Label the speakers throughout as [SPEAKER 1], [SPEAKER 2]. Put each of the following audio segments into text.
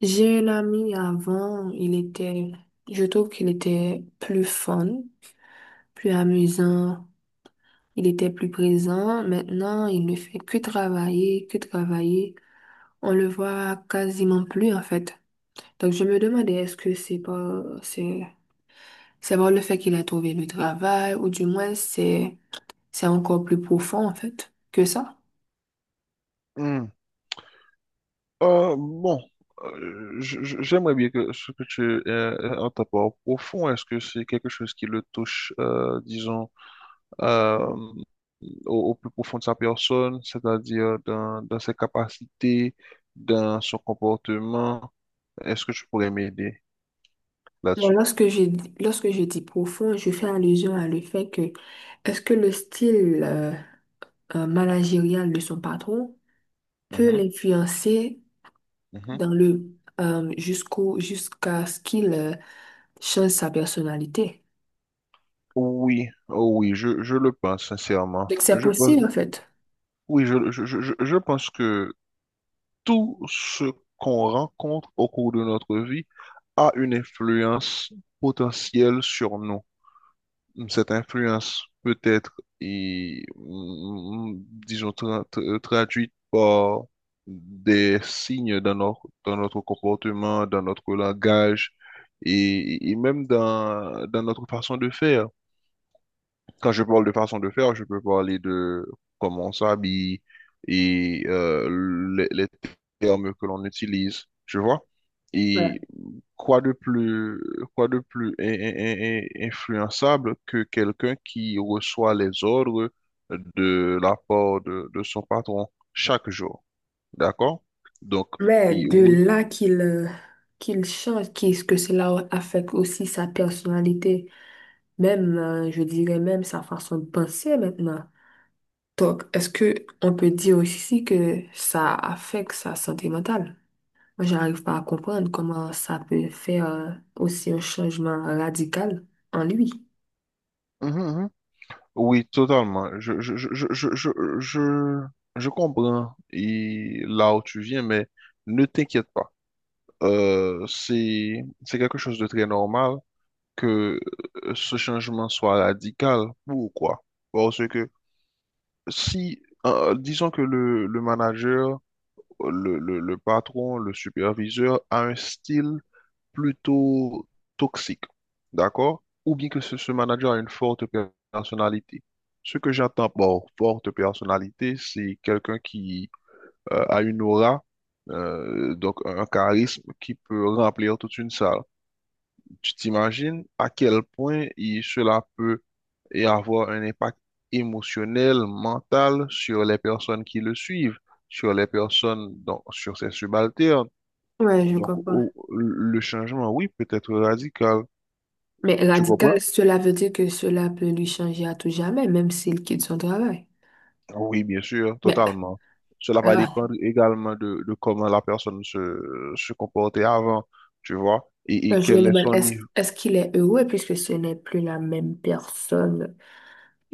[SPEAKER 1] J'ai un ami avant, je trouve qu'il était plus fun, plus amusant, il était plus présent. Maintenant, il ne fait que travailler, que travailler. On le voit quasiment plus, en fait. Donc, je me demandais, est-ce que c'est pas le fait qu'il a trouvé le travail, ou du moins, c'est encore plus profond, en fait, que ça?
[SPEAKER 2] Hmm. Bon, j'aimerais bien que ce que tu en ta part profond, est-ce que c'est quelque chose qui le touche, disons, euh, au plus profond de sa personne, c'est-à-dire dans ses capacités, dans son comportement? Est-ce que tu pourrais m'aider
[SPEAKER 1] Bon,
[SPEAKER 2] là-dessus?
[SPEAKER 1] lorsque je dis profond, je fais allusion à le fait que, est-ce que le style, managériale de son patron peut
[SPEAKER 2] Mhm,
[SPEAKER 1] l'influencer
[SPEAKER 2] mhm.
[SPEAKER 1] dans le, jusqu'à ce qu'il change sa personnalité.
[SPEAKER 2] Oui, oh oui, je le pense sincèrement.
[SPEAKER 1] Donc c'est possible en fait.
[SPEAKER 2] Oui, je pense que tout ce qu'on rencontre au cours de notre vie a une influence potentielle sur nous. Cette influence peut être, et, mm, mm, disons, traduite par des signes dans notre comportement, dans notre langage et même dans notre façon de faire. Quand je parle de façon de faire, je peux parler de comment on s'habille et les termes que l'on utilise, tu vois.
[SPEAKER 1] Ouais.
[SPEAKER 2] Et quoi de plus, quoi de plus influençable que quelqu'un qui reçoit les ordres de la part de son patron chaque jour, d'accord? Donc,
[SPEAKER 1] Mais
[SPEAKER 2] et
[SPEAKER 1] de
[SPEAKER 2] oui.
[SPEAKER 1] là qu'il qu'il change, qu'est-ce que cela affecte aussi sa personnalité, même je dirais même sa façon de penser maintenant. Donc est-ce que on peut dire aussi que ça affecte sa santé mentale? Moi, j'arrive pas à comprendre comment ça peut faire aussi un changement radical en lui.
[SPEAKER 2] Mhm, mhm. Oui, totalement. Je je comprends et là où tu viens, mais ne t'inquiète pas. C'est quelque chose de très normal que ce changement soit radical. Pourquoi? Parce que si, disons que le manager, le patron, le superviseur a un style plutôt toxique, d'accord? Ou bien que ce manager a une forte personnalité. Ce que j'entends par forte personnalité, c'est quelqu'un qui a une aura, donc un charisme qui peut remplir toute une salle. Tu t'imagines à quel point cela peut et avoir un impact émotionnel, mental sur les personnes qui le suivent, sur les personnes, donc, sur ses subalternes.
[SPEAKER 1] Ouais, je
[SPEAKER 2] Donc,
[SPEAKER 1] comprends.
[SPEAKER 2] le changement, oui, peut être radical.
[SPEAKER 1] Mais
[SPEAKER 2] Tu
[SPEAKER 1] radical,
[SPEAKER 2] comprends?
[SPEAKER 1] cela veut dire que cela peut lui changer à tout jamais, même s'il quitte son travail.
[SPEAKER 2] Oui, bien sûr,
[SPEAKER 1] Mais
[SPEAKER 2] totalement. Cela va
[SPEAKER 1] euh,
[SPEAKER 2] dépendre également de comment la personne se comportait avant, tu vois, et,
[SPEAKER 1] je me
[SPEAKER 2] quel est
[SPEAKER 1] demande,
[SPEAKER 2] son
[SPEAKER 1] est-ce
[SPEAKER 2] niveau.
[SPEAKER 1] est-ce qu'il est heureux puisque ce n'est plus la même personne?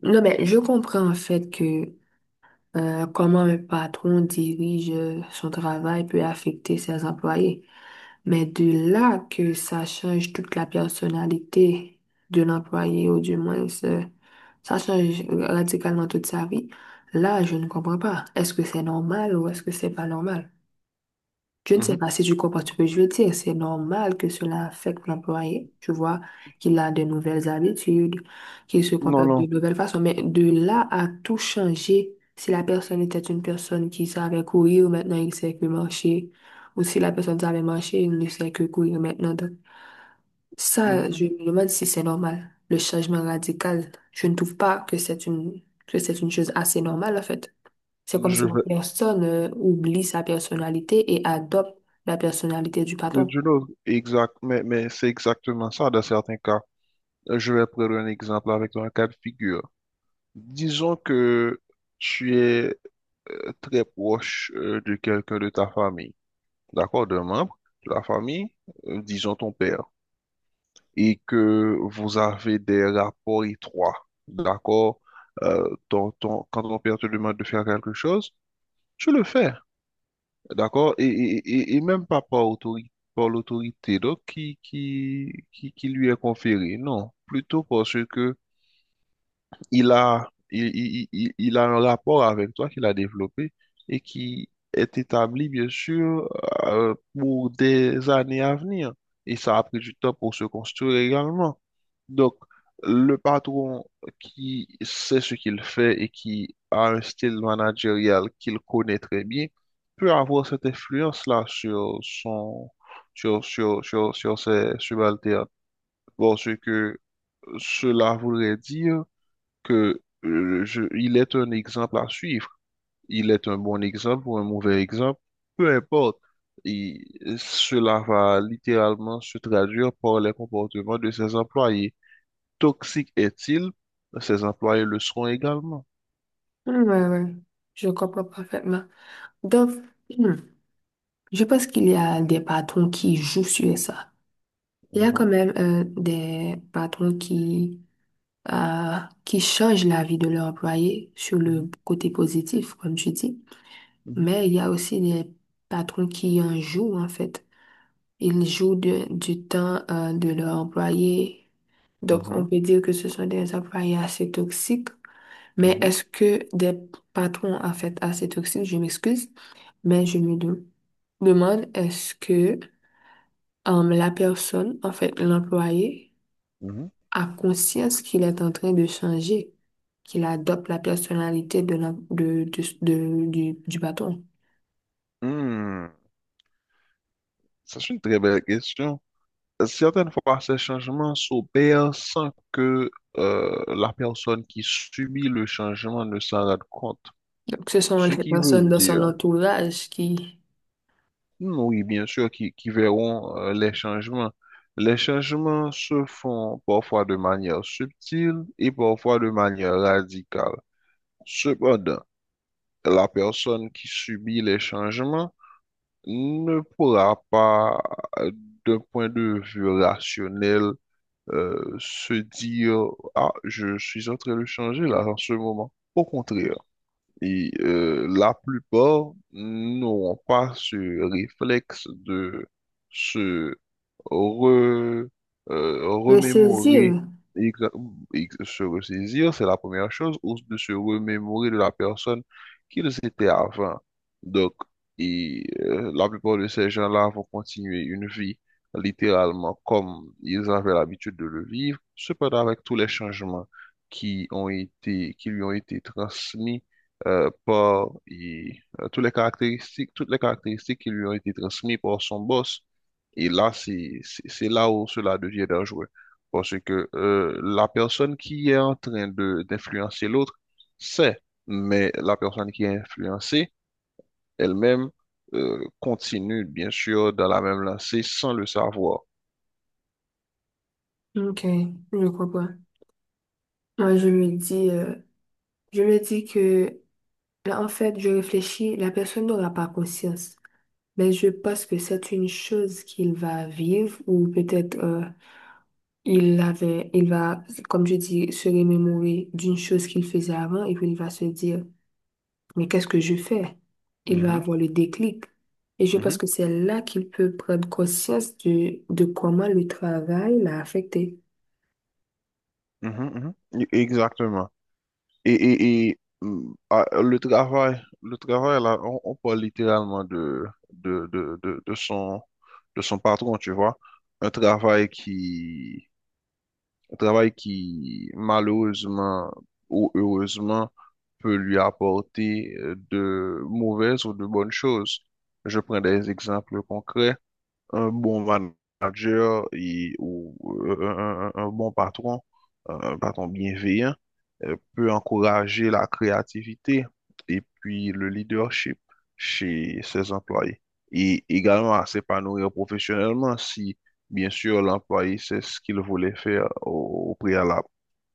[SPEAKER 1] Non, mais je comprends en fait que comment un patron dirige son travail peut affecter ses employés. Mais de là que ça change toute la personnalité de l'employé, ou du moins ça change radicalement toute sa vie, là, je ne comprends pas. Est-ce que c'est normal ou est-ce que c'est pas normal? Je ne sais
[SPEAKER 2] Mhm.
[SPEAKER 1] pas si tu comprends ce que je veux dire. C'est normal que cela affecte l'employé. Tu vois qu'il a de nouvelles habitudes, qu'il se
[SPEAKER 2] Non,
[SPEAKER 1] comporte
[SPEAKER 2] non.
[SPEAKER 1] de nouvelles façons. Mais de là à tout changer, si la personne était une personne qui savait courir, maintenant il sait que marcher. Ou si la personne savait marcher, il ne sait que courir maintenant. Donc, ça, je
[SPEAKER 2] Mhm,
[SPEAKER 1] me demande si c'est normal. Le changement radical, je ne trouve pas que c'est que c'est une chose assez normale, en fait. C'est
[SPEAKER 2] mhm.
[SPEAKER 1] comme
[SPEAKER 2] Je
[SPEAKER 1] si la
[SPEAKER 2] vais,
[SPEAKER 1] personne oublie sa personnalité et adopte la personnalité du patron.
[SPEAKER 2] je l'autre. Exact, mais c'est exactement ça dans certains cas. Je vais prendre un exemple avec un cas de figure. Disons que tu es très proche de quelqu'un de ta famille, d'accord, d'un membre de la famille, disons ton père. Et que vous avez des rapports étroits, d'accord? Quand ton père te demande de faire quelque chose, tu le fais, d'accord? Et même pas par autorité, par l'autorité donc, qui lui est conférée, non, plutôt parce que il a, il, il a un rapport avec toi qu'il a développé et qui est établi, bien sûr, pour des années à venir. Et ça a pris du temps pour se construire également. Donc, le patron qui sait ce qu'il fait et qui a un style managérial qu'il connaît très bien peut avoir cette influence-là sur son, sur, sur, sur, sur ses subalternes. Bon, ce que cela voudrait dire que il est un exemple à suivre. Il est un bon exemple ou un mauvais exemple, peu importe. Et cela va littéralement se traduire par les comportements de ses employés. Toxique est-il? Ses employés le seront également.
[SPEAKER 1] Hmm, ouais, ouais. Je comprends parfaitement. Donc, hmm, je pense qu'il y a des patrons qui jouent sur ça. Il y a quand
[SPEAKER 2] Mhm,
[SPEAKER 1] même des patrons euh, qui changent la vie de leur employé sur le
[SPEAKER 2] mhm,
[SPEAKER 1] côté positif, comme tu dis. Mais il y a aussi des patrons qui en jouent, en fait. Ils jouent du temps de leur employé. Donc, on
[SPEAKER 2] mhm,
[SPEAKER 1] peut dire que ce sont des employés assez toxiques. Mais
[SPEAKER 2] mhm,
[SPEAKER 1] est-ce que des patrons, en fait, assez toxiques, je m'excuse, mais demande, est-ce que la personne, en fait, l'employé,
[SPEAKER 2] mhm, mhm.
[SPEAKER 1] a conscience qu'il est en train de changer, qu'il adopte la personnalité de du patron.
[SPEAKER 2] Hmm, ça, c'est une très belle question. Certaines fois, ces changements s'opèrent sans que la personne qui subit le changement ne s'en rende compte.
[SPEAKER 1] Donc, ce sont
[SPEAKER 2] Ce
[SPEAKER 1] les
[SPEAKER 2] qui veut
[SPEAKER 1] personnes dans
[SPEAKER 2] dire,
[SPEAKER 1] son entourage qui
[SPEAKER 2] oui, bien sûr, qui verront les changements. Les changements se font parfois de manière subtile et parfois de manière radicale. Cependant, la personne qui subit les changements ne pourra pas, euh, d'un point de vue rationnel, se dire: Ah, je suis en train de changer là en ce moment. Au contraire. Et la plupart n'auront pas ce réflexe de se re- remémorer,
[SPEAKER 1] ressaisirent.
[SPEAKER 2] exa- se ressaisir, c'est la première chose, ou de se remémorer de la personne qu'ils étaient avant. Donc, la plupart de ces gens-là vont continuer une vie littéralement comme ils avaient l'habitude de le vivre, cependant avec tous les changements qui ont été, qui lui ont été transmis par et, toutes les caractéristiques qui lui ont été transmises par son boss. Et là, c'est là où cela devient dangereux. Parce que la personne qui est en train de d'influencer l'autre sait, mais la personne qui est influencée elle-même continue, bien sûr, dans la même lancée sans le savoir.
[SPEAKER 1] OK, je comprends. Moi, je me dis que là, en fait, je réfléchis, la personne n'aura pas conscience, mais je pense que c'est une chose qu'il va vivre ou peut-être il va, comme je dis, se remémorer d'une chose qu'il faisait avant et puis il va se dire, mais qu'est-ce que je fais? Il va
[SPEAKER 2] Mhm,
[SPEAKER 1] avoir le déclic. Et je pense
[SPEAKER 2] mhm,
[SPEAKER 1] que c'est là qu'il peut prendre conscience de comment le travail l'a affecté.
[SPEAKER 2] mhm, mhm. Exactement. Et le travail, là, on parle littéralement de, de, de, de son, de son patron, tu vois. Un travail qui, un travail qui, malheureusement ou heureusement, peut lui apporter de mauvaises ou de bonnes choses. Je prends des exemples concrets: un bon manager et, ou un bon patron, un patron bienveillant, peut encourager la créativité et puis le leadership chez ses employés. Et également à s'épanouir professionnellement si, bien sûr, l'employé sait ce qu'il voulait faire au préalable.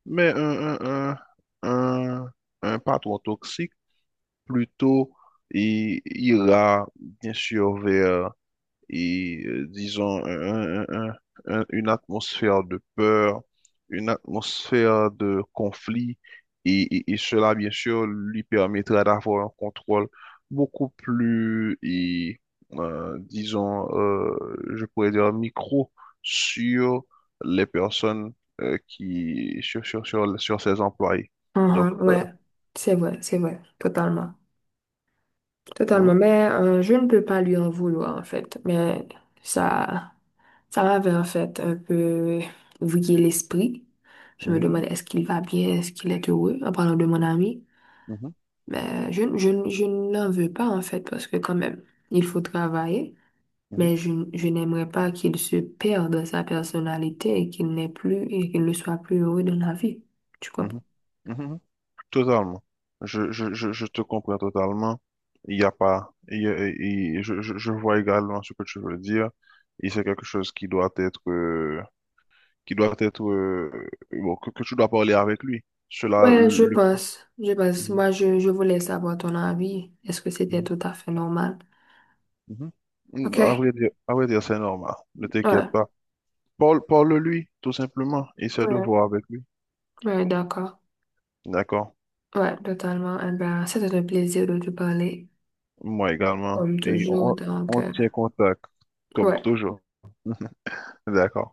[SPEAKER 2] Mais un, un, un patron toxique, plutôt, il ira, bien sûr, vers disons une atmosphère de peur, une atmosphère de conflit, et cela, bien sûr, lui permettra d'avoir un contrôle beaucoup plus, disons, je pourrais dire micro sur les personnes qui, sur ses employés. Donc,
[SPEAKER 1] Mhm, ouais, c'est vrai, totalement.
[SPEAKER 2] mhm,
[SPEAKER 1] Totalement, mais je ne peux pas lui en vouloir en fait, mais ça. Ça m'avait en fait un peu vrillé l'esprit. Je me demandais est-ce qu'il va bien, est-ce qu'il est heureux en parlant de mon ami.
[SPEAKER 2] mhm,
[SPEAKER 1] Mais je n'en veux pas en fait parce que quand même, il faut travailler.
[SPEAKER 2] mhm,
[SPEAKER 1] Mais je n'aimerais pas qu'il se perde dans sa personnalité et qu'il n'ait plus et qu'il ne soit plus heureux dans la vie. Tu crois pas?
[SPEAKER 2] mhm, mhm, mhm. Totalement. Je te comprends totalement. Il n'y a pas. Il y a- il- je vois également ce que tu veux dire. Et c'est quelque chose qui doit être, qui doit être, bon, que tu dois parler avec lui. Cela,
[SPEAKER 1] Ouais, je
[SPEAKER 2] le.
[SPEAKER 1] pense. Je pense.
[SPEAKER 2] Mhm,
[SPEAKER 1] Je voulais savoir ton avis. Est-ce que c'était
[SPEAKER 2] mhm,
[SPEAKER 1] tout à fait normal?
[SPEAKER 2] mhm.
[SPEAKER 1] Ok.
[SPEAKER 2] À vrai dire, c'est normal. Ne
[SPEAKER 1] Ouais.
[SPEAKER 2] t'inquiète pas. Parle-lui, tout simplement. Essaie de
[SPEAKER 1] Ouais.
[SPEAKER 2] voir avec lui.
[SPEAKER 1] Ouais, d'accord.
[SPEAKER 2] D'accord?
[SPEAKER 1] Ouais, totalement. Eh ben, c'était un plaisir de te parler,
[SPEAKER 2] Moi également.
[SPEAKER 1] comme
[SPEAKER 2] Et
[SPEAKER 1] toujours.
[SPEAKER 2] on,
[SPEAKER 1] Donc,
[SPEAKER 2] on tient contact, comme
[SPEAKER 1] ouais.
[SPEAKER 2] toujours. D'accord?